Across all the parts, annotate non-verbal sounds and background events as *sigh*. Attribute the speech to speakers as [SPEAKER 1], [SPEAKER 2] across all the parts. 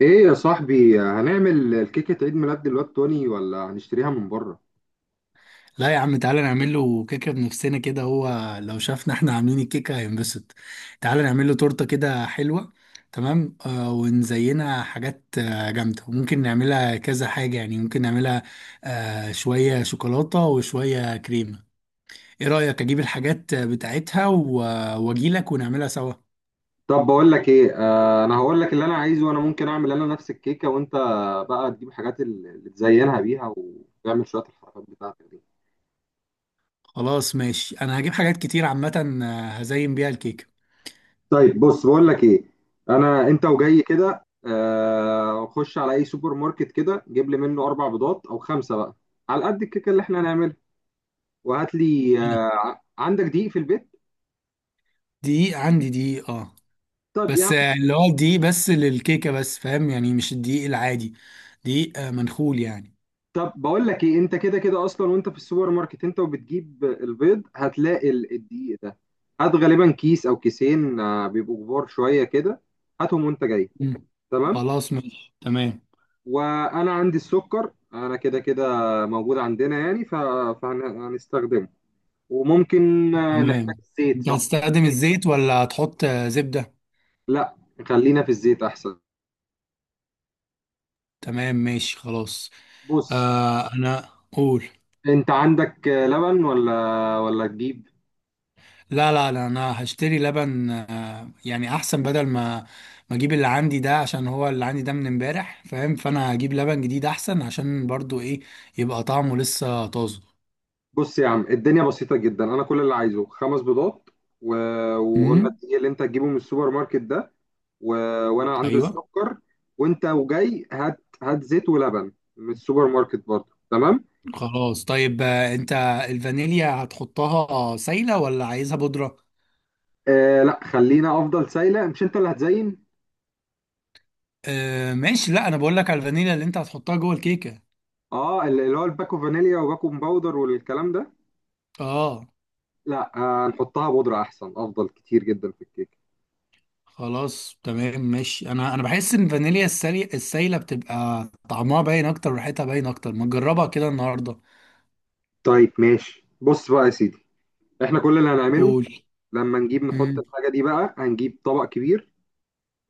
[SPEAKER 1] ايه يا صاحبي، هنعمل الكيكة عيد ميلاد الواد توني ولا هنشتريها من بره؟
[SPEAKER 2] لا يا عم، تعالى نعمل له كيكه بنفسنا كده. هو لو شافنا احنا عاملين الكيكه هينبسط. تعالى نعمل له تورته كده حلوه. تمام، ونزينها حاجات جامده، وممكن نعملها كذا حاجه، يعني ممكن نعملها شويه شوكولاته وشويه كريمه. ايه رايك اجيب الحاجات بتاعتها واجيلك ونعملها سوا.
[SPEAKER 1] طب بقول لك ايه. انا هقول لك اللي انا عايزه، وانا ممكن اعمل انا نفس الكيكة، وانت بقى تجيب حاجات اللي تزينها بيها وتعمل شوية الحركات بتاعتك دي.
[SPEAKER 2] خلاص، ماشي. انا هجيب حاجات كتير عامه، هزين بيها الكيكه.
[SPEAKER 1] طيب بص بقول لك ايه، انا انت وجاي كده خش على اي سوبر ماركت كده، جيب لي منه 4 بيضات او 5 بقى على قد الكيكة اللي احنا هنعملها. وهات لي،
[SPEAKER 2] *laughs*
[SPEAKER 1] عندك دقيق في البيت؟
[SPEAKER 2] دقيق، عندي دقيق، اه.
[SPEAKER 1] طب يا
[SPEAKER 2] بس
[SPEAKER 1] عم.
[SPEAKER 2] اللي هو الدقيق بس للكيكة، بس فاهم يعني مش الدقيق العادي. دقيق منخول يعني.
[SPEAKER 1] طب بقول لك ايه، انت كده كده اصلا وانت في السوبر ماركت، انت وبتجيب البيض هتلاقي الدقيق ده. هات غالبا كيس او كيسين، بيبقوا كبار شويه كده. هاتهم وانت جاي.
[SPEAKER 2] مم.
[SPEAKER 1] تمام.
[SPEAKER 2] خلاص، ماشي، تمام.
[SPEAKER 1] وانا عندي السكر، انا كده كده موجود عندنا يعني فهنستخدمه. وممكن نحتاج
[SPEAKER 2] تمام.
[SPEAKER 1] الزيت،
[SPEAKER 2] انت
[SPEAKER 1] صح؟
[SPEAKER 2] هتستخدم الزيت ولا هتحط زبدة؟
[SPEAKER 1] لا، خلينا في الزيت احسن.
[SPEAKER 2] تمام، ماشي، خلاص.
[SPEAKER 1] بص،
[SPEAKER 2] انا قول.
[SPEAKER 1] انت عندك لبن ولا تجيب؟
[SPEAKER 2] لا لا لا، انا هشتري لبن، يعني احسن، بدل ما ما اجيب اللي عندي ده، عشان هو اللي عندي ده من امبارح، فاهم، فانا هجيب لبن جديد احسن، عشان برضو ايه، يبقى طعمه لسه طازه.
[SPEAKER 1] بص يا عم، الدنيا بسيطة جدا. أنا كل اللي عايزه 5 بيضات و... وقلنا
[SPEAKER 2] امم.
[SPEAKER 1] الدقيق اللي أنت هتجيبه من السوبر ماركت ده، و... وأنا عندي
[SPEAKER 2] ايوه.
[SPEAKER 1] السكر. وأنت وجاي هات هات زيت ولبن من السوبر ماركت برضه، تمام؟
[SPEAKER 2] خلاص، طيب، انت الفانيليا هتحطها سايلة ولا عايزها بودرة؟
[SPEAKER 1] لا، خلينا أفضل سايلة. مش أنت اللي هتزين؟
[SPEAKER 2] آه، ماشي. لا، انا بقول لك على الفانيليا اللي انت هتحطها جوه الكيكة.
[SPEAKER 1] أه، اللي هو الباكو فانيليا وباكو باودر والكلام ده.
[SPEAKER 2] اه.
[SPEAKER 1] لا، هنحطها بودرة أحسن، أفضل كتير جدا في الكيك.
[SPEAKER 2] خلاص، تمام، ماشي. انا بحس ان الفانيليا السايلة بتبقى طعمها باين اكتر وريحتها باين اكتر، ما تجربها كده النهاردة.
[SPEAKER 1] طيب ماشي، بص بقى يا سيدي. إحنا كل اللي هنعمله،
[SPEAKER 2] قول.
[SPEAKER 1] لما نجيب نحط
[SPEAKER 2] امم.
[SPEAKER 1] الحاجة دي بقى هنجيب طبق كبير،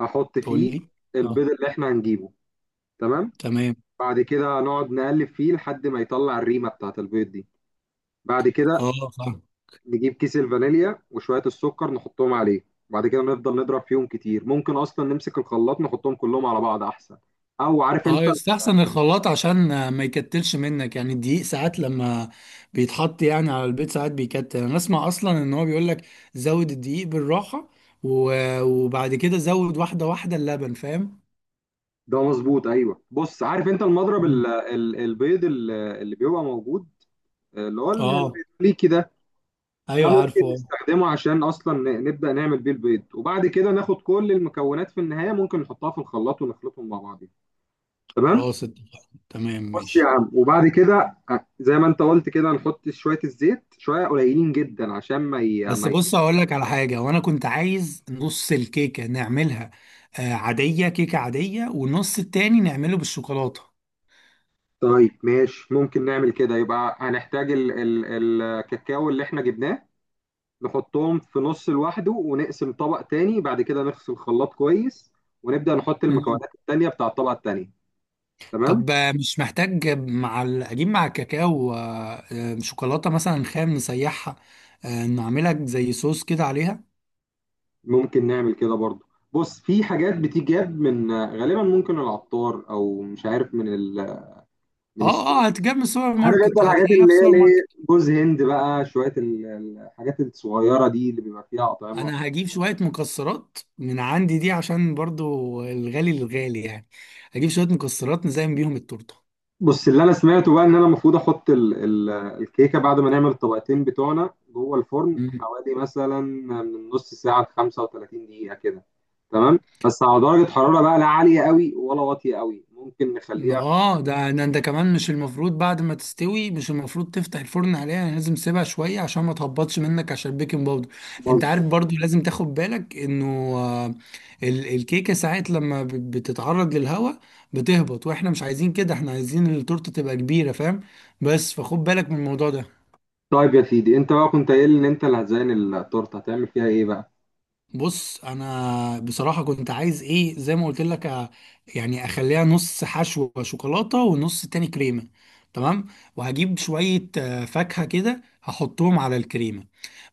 [SPEAKER 1] احط
[SPEAKER 2] قول
[SPEAKER 1] فيه
[SPEAKER 2] لي. اه.
[SPEAKER 1] البيض اللي احنا هنجيبه. تمام.
[SPEAKER 2] تمام.
[SPEAKER 1] بعد كده نقعد نقلب فيه لحد ما يطلع الريمه بتاعت البيض دي. بعد كده
[SPEAKER 2] اه، فاهم.
[SPEAKER 1] نجيب كيس الفانيليا وشويه السكر نحطهم عليه. بعد كده نفضل نضرب فيهم كتير، ممكن اصلا نمسك الخلاط نحطهم كلهم على بعض احسن. او عارف
[SPEAKER 2] اه،
[SPEAKER 1] انت.
[SPEAKER 2] يستحسن الخلاط، عشان ما يكتلش منك، يعني الدقيق ساعات لما بيتحط يعني على البيض ساعات بيكتل. انا اسمع اصلا ان هو بيقول لك زود الدقيق بالراحة، وبعد كده زود واحدة واحدة اللبن، فاهم.
[SPEAKER 1] ده مظبوط، ايوه. بص عارف انت المضرب،
[SPEAKER 2] مم.
[SPEAKER 1] البيض اللي بيبقى موجود، اللي هو
[SPEAKER 2] اه.
[SPEAKER 1] الامريكي ده. ده
[SPEAKER 2] ايوه، عارفه،
[SPEAKER 1] ممكن
[SPEAKER 2] آه.
[SPEAKER 1] نستخدمه عشان اصلا نبدا نعمل بيه البيض، وبعد كده ناخد كل المكونات في النهايه ممكن نحطها في الخلاط ونخلطهم مع بعضين. تمام.
[SPEAKER 2] خلاص، اتفقنا، تمام،
[SPEAKER 1] بص يا
[SPEAKER 2] ماشي.
[SPEAKER 1] عم، وبعد كده زي ما انت قلت كده نحط شويه الزيت شويه قليلين جدا عشان ما ي...
[SPEAKER 2] بس
[SPEAKER 1] ما ي...
[SPEAKER 2] بص، هقول لك على حاجة. وانا كنت عايز نص الكيكة نعملها عادية، كيكة عادية، والنص التاني نعمله بالشوكولاتة.
[SPEAKER 1] طيب ماشي، ممكن نعمل كده. يبقى هنحتاج الكاكاو اللي احنا جبناه، نحطهم في نص لوحده، ونقسم طبق تاني، بعد كده نغسل الخلاط كويس ونبدا نحط المكونات التانيه بتاع الطبقه التانيه. تمام.
[SPEAKER 2] طب مش محتاج، مع اجيب مع الكاكاو شوكولاته مثلا خام نسيحها، نعملها زي صوص كده عليها.
[SPEAKER 1] ممكن نعمل كده برضو. بص، في حاجات بتجاب من غالبا ممكن العطار، او مش عارف من
[SPEAKER 2] اه،
[SPEAKER 1] السوق.
[SPEAKER 2] اه، هتجيب من السوبر
[SPEAKER 1] عارف
[SPEAKER 2] ماركت،
[SPEAKER 1] انت الحاجات
[SPEAKER 2] هتلاقيها في
[SPEAKER 1] اللي هي
[SPEAKER 2] السوبر ماركت.
[SPEAKER 1] ليه جوز هند بقى، شويه الحاجات الصغيره دي اللي بيبقى فيها اطعمه.
[SPEAKER 2] انا هجيب شويه مكسرات من عندي دي، عشان برضو الغالي للغالي يعني. هجيب شويه مكسرات نزين بيهم التورته.
[SPEAKER 1] بص، اللي انا سمعته بقى ان انا المفروض احط الكيكه بعد ما نعمل الطبقتين بتوعنا جوه الفرن، حوالي مثلا من نص ساعه ل 35 دقيقه كده. تمام، بس على درجه حراره بقى لا عاليه قوي ولا واطيه قوي ممكن نخليها.
[SPEAKER 2] اه، ده انت كمان مش المفروض بعد ما تستوي، مش المفروض تفتح الفرن عليها، يعني لازم تسيبها شويه عشان ما تهبطش منك، عشان البيكنج باودر. انت عارف برضو، لازم تاخد بالك انه آه، الكيكه ساعات لما بتتعرض للهواء بتهبط، واحنا مش عايزين كده، احنا عايزين التورته تبقى كبيره، فاهم. بس فخد بالك من الموضوع ده.
[SPEAKER 1] طيب يا سيدي، انت بقى كنت قايل ان انت اللي هتزين التورته، هتعمل فيها ايه بقى؟
[SPEAKER 2] بص، انا بصراحه كنت عايز ايه، زي ما قلت لك يعني اخليها نص حشو شوكولاته ونص تاني كريمه. تمام. وهجيب شويه فاكهه كده، هحطهم على الكريمه.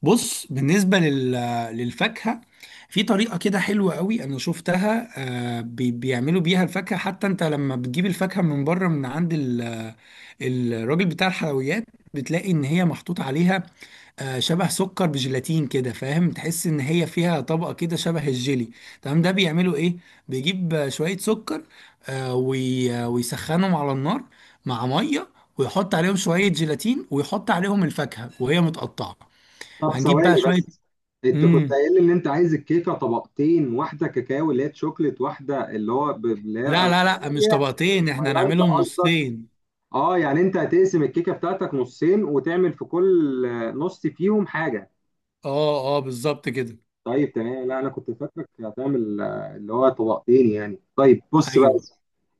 [SPEAKER 2] بص، بالنسبه للفاكهه، في طريقه كده حلوه قوي انا شفتها. بيعملوا بيها الفاكهه، حتى انت لما بتجيب الفاكهه من بره، من عند الراجل بتاع الحلويات، بتلاقي ان هي محطوط عليها شبه سكر بجيلاتين كده، فاهم، تحس ان هي فيها طبقه كده شبه الجيلي. تمام، ده بيعملوا ايه، بيجيب شويه سكر، ويسخنهم على النار مع ميه، ويحط عليهم شويه جيلاتين، ويحط عليهم الفاكهه وهي متقطعه.
[SPEAKER 1] طب
[SPEAKER 2] هنجيب بقى
[SPEAKER 1] ثواني
[SPEAKER 2] شويه.
[SPEAKER 1] بس. انت كنت
[SPEAKER 2] امم.
[SPEAKER 1] قايل ان انت عايز الكيكه طبقتين، واحده كاكاو اللي هي شوكليت، واحده اللي هو اللي هي
[SPEAKER 2] لا لا لا، مش
[SPEAKER 1] فانيليا،
[SPEAKER 2] طبقتين، احنا
[SPEAKER 1] ولا انت
[SPEAKER 2] هنعملهم
[SPEAKER 1] قصدك
[SPEAKER 2] نصين.
[SPEAKER 1] اه، يعني انت هتقسم الكيكه بتاعتك نصين، وتعمل في كل نص فيهم حاجه.
[SPEAKER 2] اه، اه، بالظبط كده.
[SPEAKER 1] طيب تمام، لا انا كنت فاكرك هتعمل اللي هو طبقتين يعني. طيب بص بقى،
[SPEAKER 2] ايوه.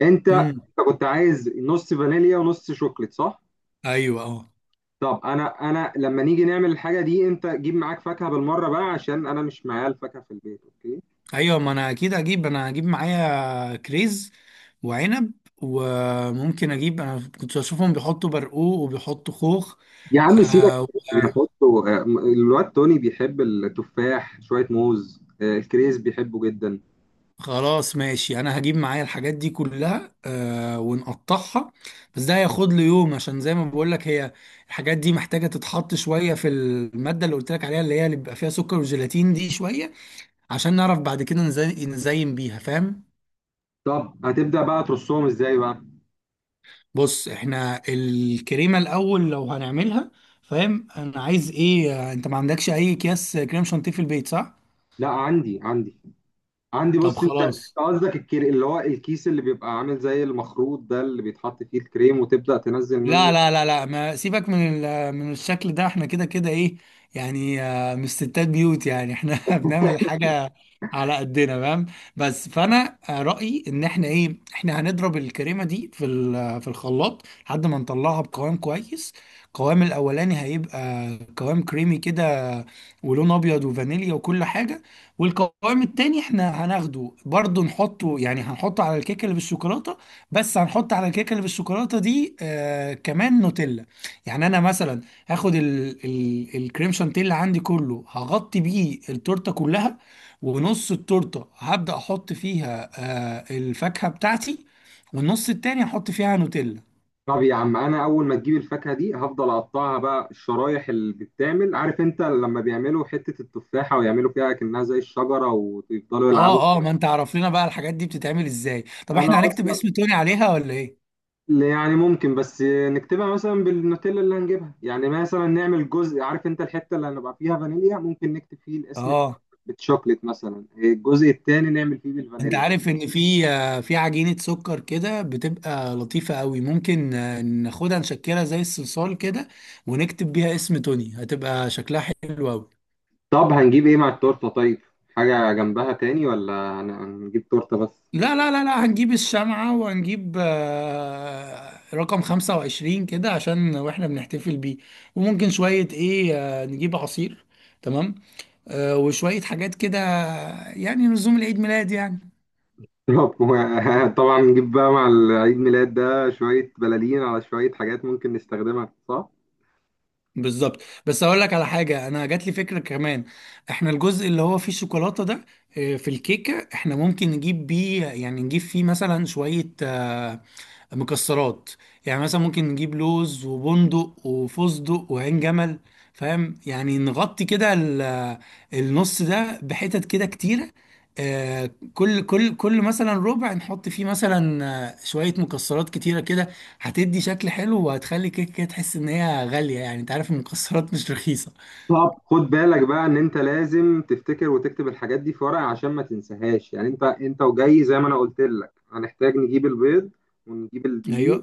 [SPEAKER 1] انت
[SPEAKER 2] امم.
[SPEAKER 1] انت كنت عايز نص فانيليا ونص شوكليت، صح؟
[SPEAKER 2] ايوه، اه.
[SPEAKER 1] طب انا لما نيجي نعمل الحاجه دي، انت جيب معاك فاكهه بالمره بقى عشان انا مش معايا الفاكهه في البيت، اوكي؟
[SPEAKER 2] ايوه، ما انا اكيد هجيب. انا هجيب معايا كريز وعنب، وممكن اجيب، انا كنت بشوفهم بيحطوا برقوق وبيحطوا خوخ.
[SPEAKER 1] يا عم سيبك
[SPEAKER 2] آه و-
[SPEAKER 1] من بيحطوا. الواد توني بيحب التفاح، شويه موز. الكريز بيحبه جدا.
[SPEAKER 2] خلاص، ماشي. انا هجيب معايا الحاجات دي كلها، ونقطعها. بس ده هياخد لي يوم، عشان زي ما بقول لك هي الحاجات دي محتاجة تتحط شوية في المادة اللي قلت لك عليها، اللي هي اللي بيبقى فيها سكر وجيلاتين دي، شوية عشان نعرف بعد كده نزين بيها، فاهم.
[SPEAKER 1] طب هتبدا بقى ترصهم ازاي بقى؟
[SPEAKER 2] بص، احنا الكريمه الاول لو هنعملها، فاهم، انا عايز ايه، انت ما عندكش اي اكياس كريم شانتيه في البيت، صح؟
[SPEAKER 1] لا، عندي عندي. عندي.
[SPEAKER 2] طب
[SPEAKER 1] بص، أنت
[SPEAKER 2] خلاص.
[SPEAKER 1] قصدك الكري اللي هو الكيس اللي بيبقى عامل زي المخروط ده اللي بيتحط فيه الكريم وتبدا تنزل
[SPEAKER 2] لا
[SPEAKER 1] منه.
[SPEAKER 2] لا لا لا، ما سيبك من من الشكل ده، احنا كده كده ايه، يعني مش ستات بيوت يعني. احنا *laughs* بنعمل الحاجة على قدنا، فاهم. بس فانا رأيي ان احنا ايه، احنا هنضرب الكريمة دي في في الخلاط لحد ما نطلعها بقوام كويس. القوام الاولاني هيبقى قوام كريمي كده، ولون ابيض، وفانيليا، وكل حاجة. والقوام التاني احنا هناخده برضو نحطه، يعني هنحطه على الكيكة اللي بالشوكولاتة. بس هنحط على الكيكه اللي بالشوكولاته دي كمان نوتيلا. يعني انا مثلا هاخد ال ال الكريم شانتيه عندي كله، هغطي بيه التورته كلها، ونص التورته هبدا احط فيها الفاكهه بتاعتي، والنص التاني هحط فيها نوتيلا.
[SPEAKER 1] طب يا عم، انا اول ما تجيب الفاكهه دي هفضل اقطعها بقى، الشرايح اللي بتتعمل. عارف انت لما بيعملوا حته التفاحه ويعملوا فيها كأنها زي الشجره ويفضلوا يلعبوا.
[SPEAKER 2] اه، اه، ما انت عرف لنا بقى الحاجات دي بتتعمل ازاي. طب
[SPEAKER 1] انا
[SPEAKER 2] احنا هنكتب
[SPEAKER 1] اصلا،
[SPEAKER 2] اسم توني عليها، ولا ايه؟
[SPEAKER 1] يعني ممكن بس نكتبها مثلا بالنوتيلا اللي هنجيبها، يعني مثلا نعمل جزء، عارف انت الحته اللي هنبقى فيها فانيليا ممكن نكتب فيه الاسم
[SPEAKER 2] اه،
[SPEAKER 1] بالشوكليت مثلا، الجزء التاني نعمل فيه
[SPEAKER 2] انت
[SPEAKER 1] بالفانيليا.
[SPEAKER 2] عارف ان في في عجينة سكر كده بتبقى لطيفة قوي، ممكن ناخدها نشكلها زي الصلصال كده، ونكتب بيها اسم توني، هتبقى شكلها حلو قوي.
[SPEAKER 1] طب هنجيب ايه مع التورته؟ طيب، حاجه جنبها تاني ولا هنجيب تورته بس؟
[SPEAKER 2] لا لا لا لا، هنجيب الشمعة، وهنجيب رقم 25 كده عشان واحنا بنحتفل بيه. وممكن شوية ايه نجيب عصير. تمام. وشوية حاجات كده، يعني نزوم العيد ميلاد يعني.
[SPEAKER 1] بالظبط. *laughs* طبعا نجيب بقى مع العيد ميلاد ده شوية بلالين على شوية حاجات ممكن نستخدمها، صح؟
[SPEAKER 2] بالظبط. بس اقول لك على حاجه، انا جات لي فكره كمان. احنا الجزء اللي هو فيه شوكولاته ده، في الكيكه احنا ممكن نجيب بيه، يعني نجيب فيه مثلا شويه مكسرات، يعني مثلا ممكن نجيب لوز وبندق وفستق وعين جمل، فاهم، يعني نغطي كده النص ده بحتت كده كتيره. كل مثلا ربع نحط فيه مثلا شويه مكسرات كتيره كده، هتدي شكل حلو، وهتخلي كيك كده تحس ان هي غاليه، يعني انت عارف ان المكسرات مش رخيصه.
[SPEAKER 1] طب خد بالك بقى ان انت لازم تفتكر وتكتب الحاجات دي في ورقة عشان ما تنساهاش، يعني انت وجاي زي ما انا قلت لك هنحتاج نجيب البيض ونجيب الدقيق.
[SPEAKER 2] ايوه.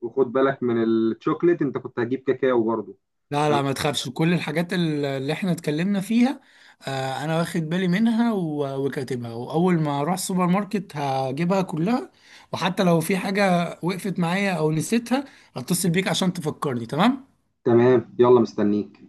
[SPEAKER 1] وخد بالك من الشوكليت، انت كنت هتجيب كاكاو برضه.
[SPEAKER 2] لا، لا، ما تخافش، كل الحاجات اللي احنا اتكلمنا فيها انا واخد بالي منها، وكاتبها، واول ما اروح السوبر ماركت هجيبها كلها. وحتى لو في حاجه وقفت معايا او نسيتها، هتصل بيك عشان تفكرني، تمام.
[SPEAKER 1] تمام، يلا مستنيك.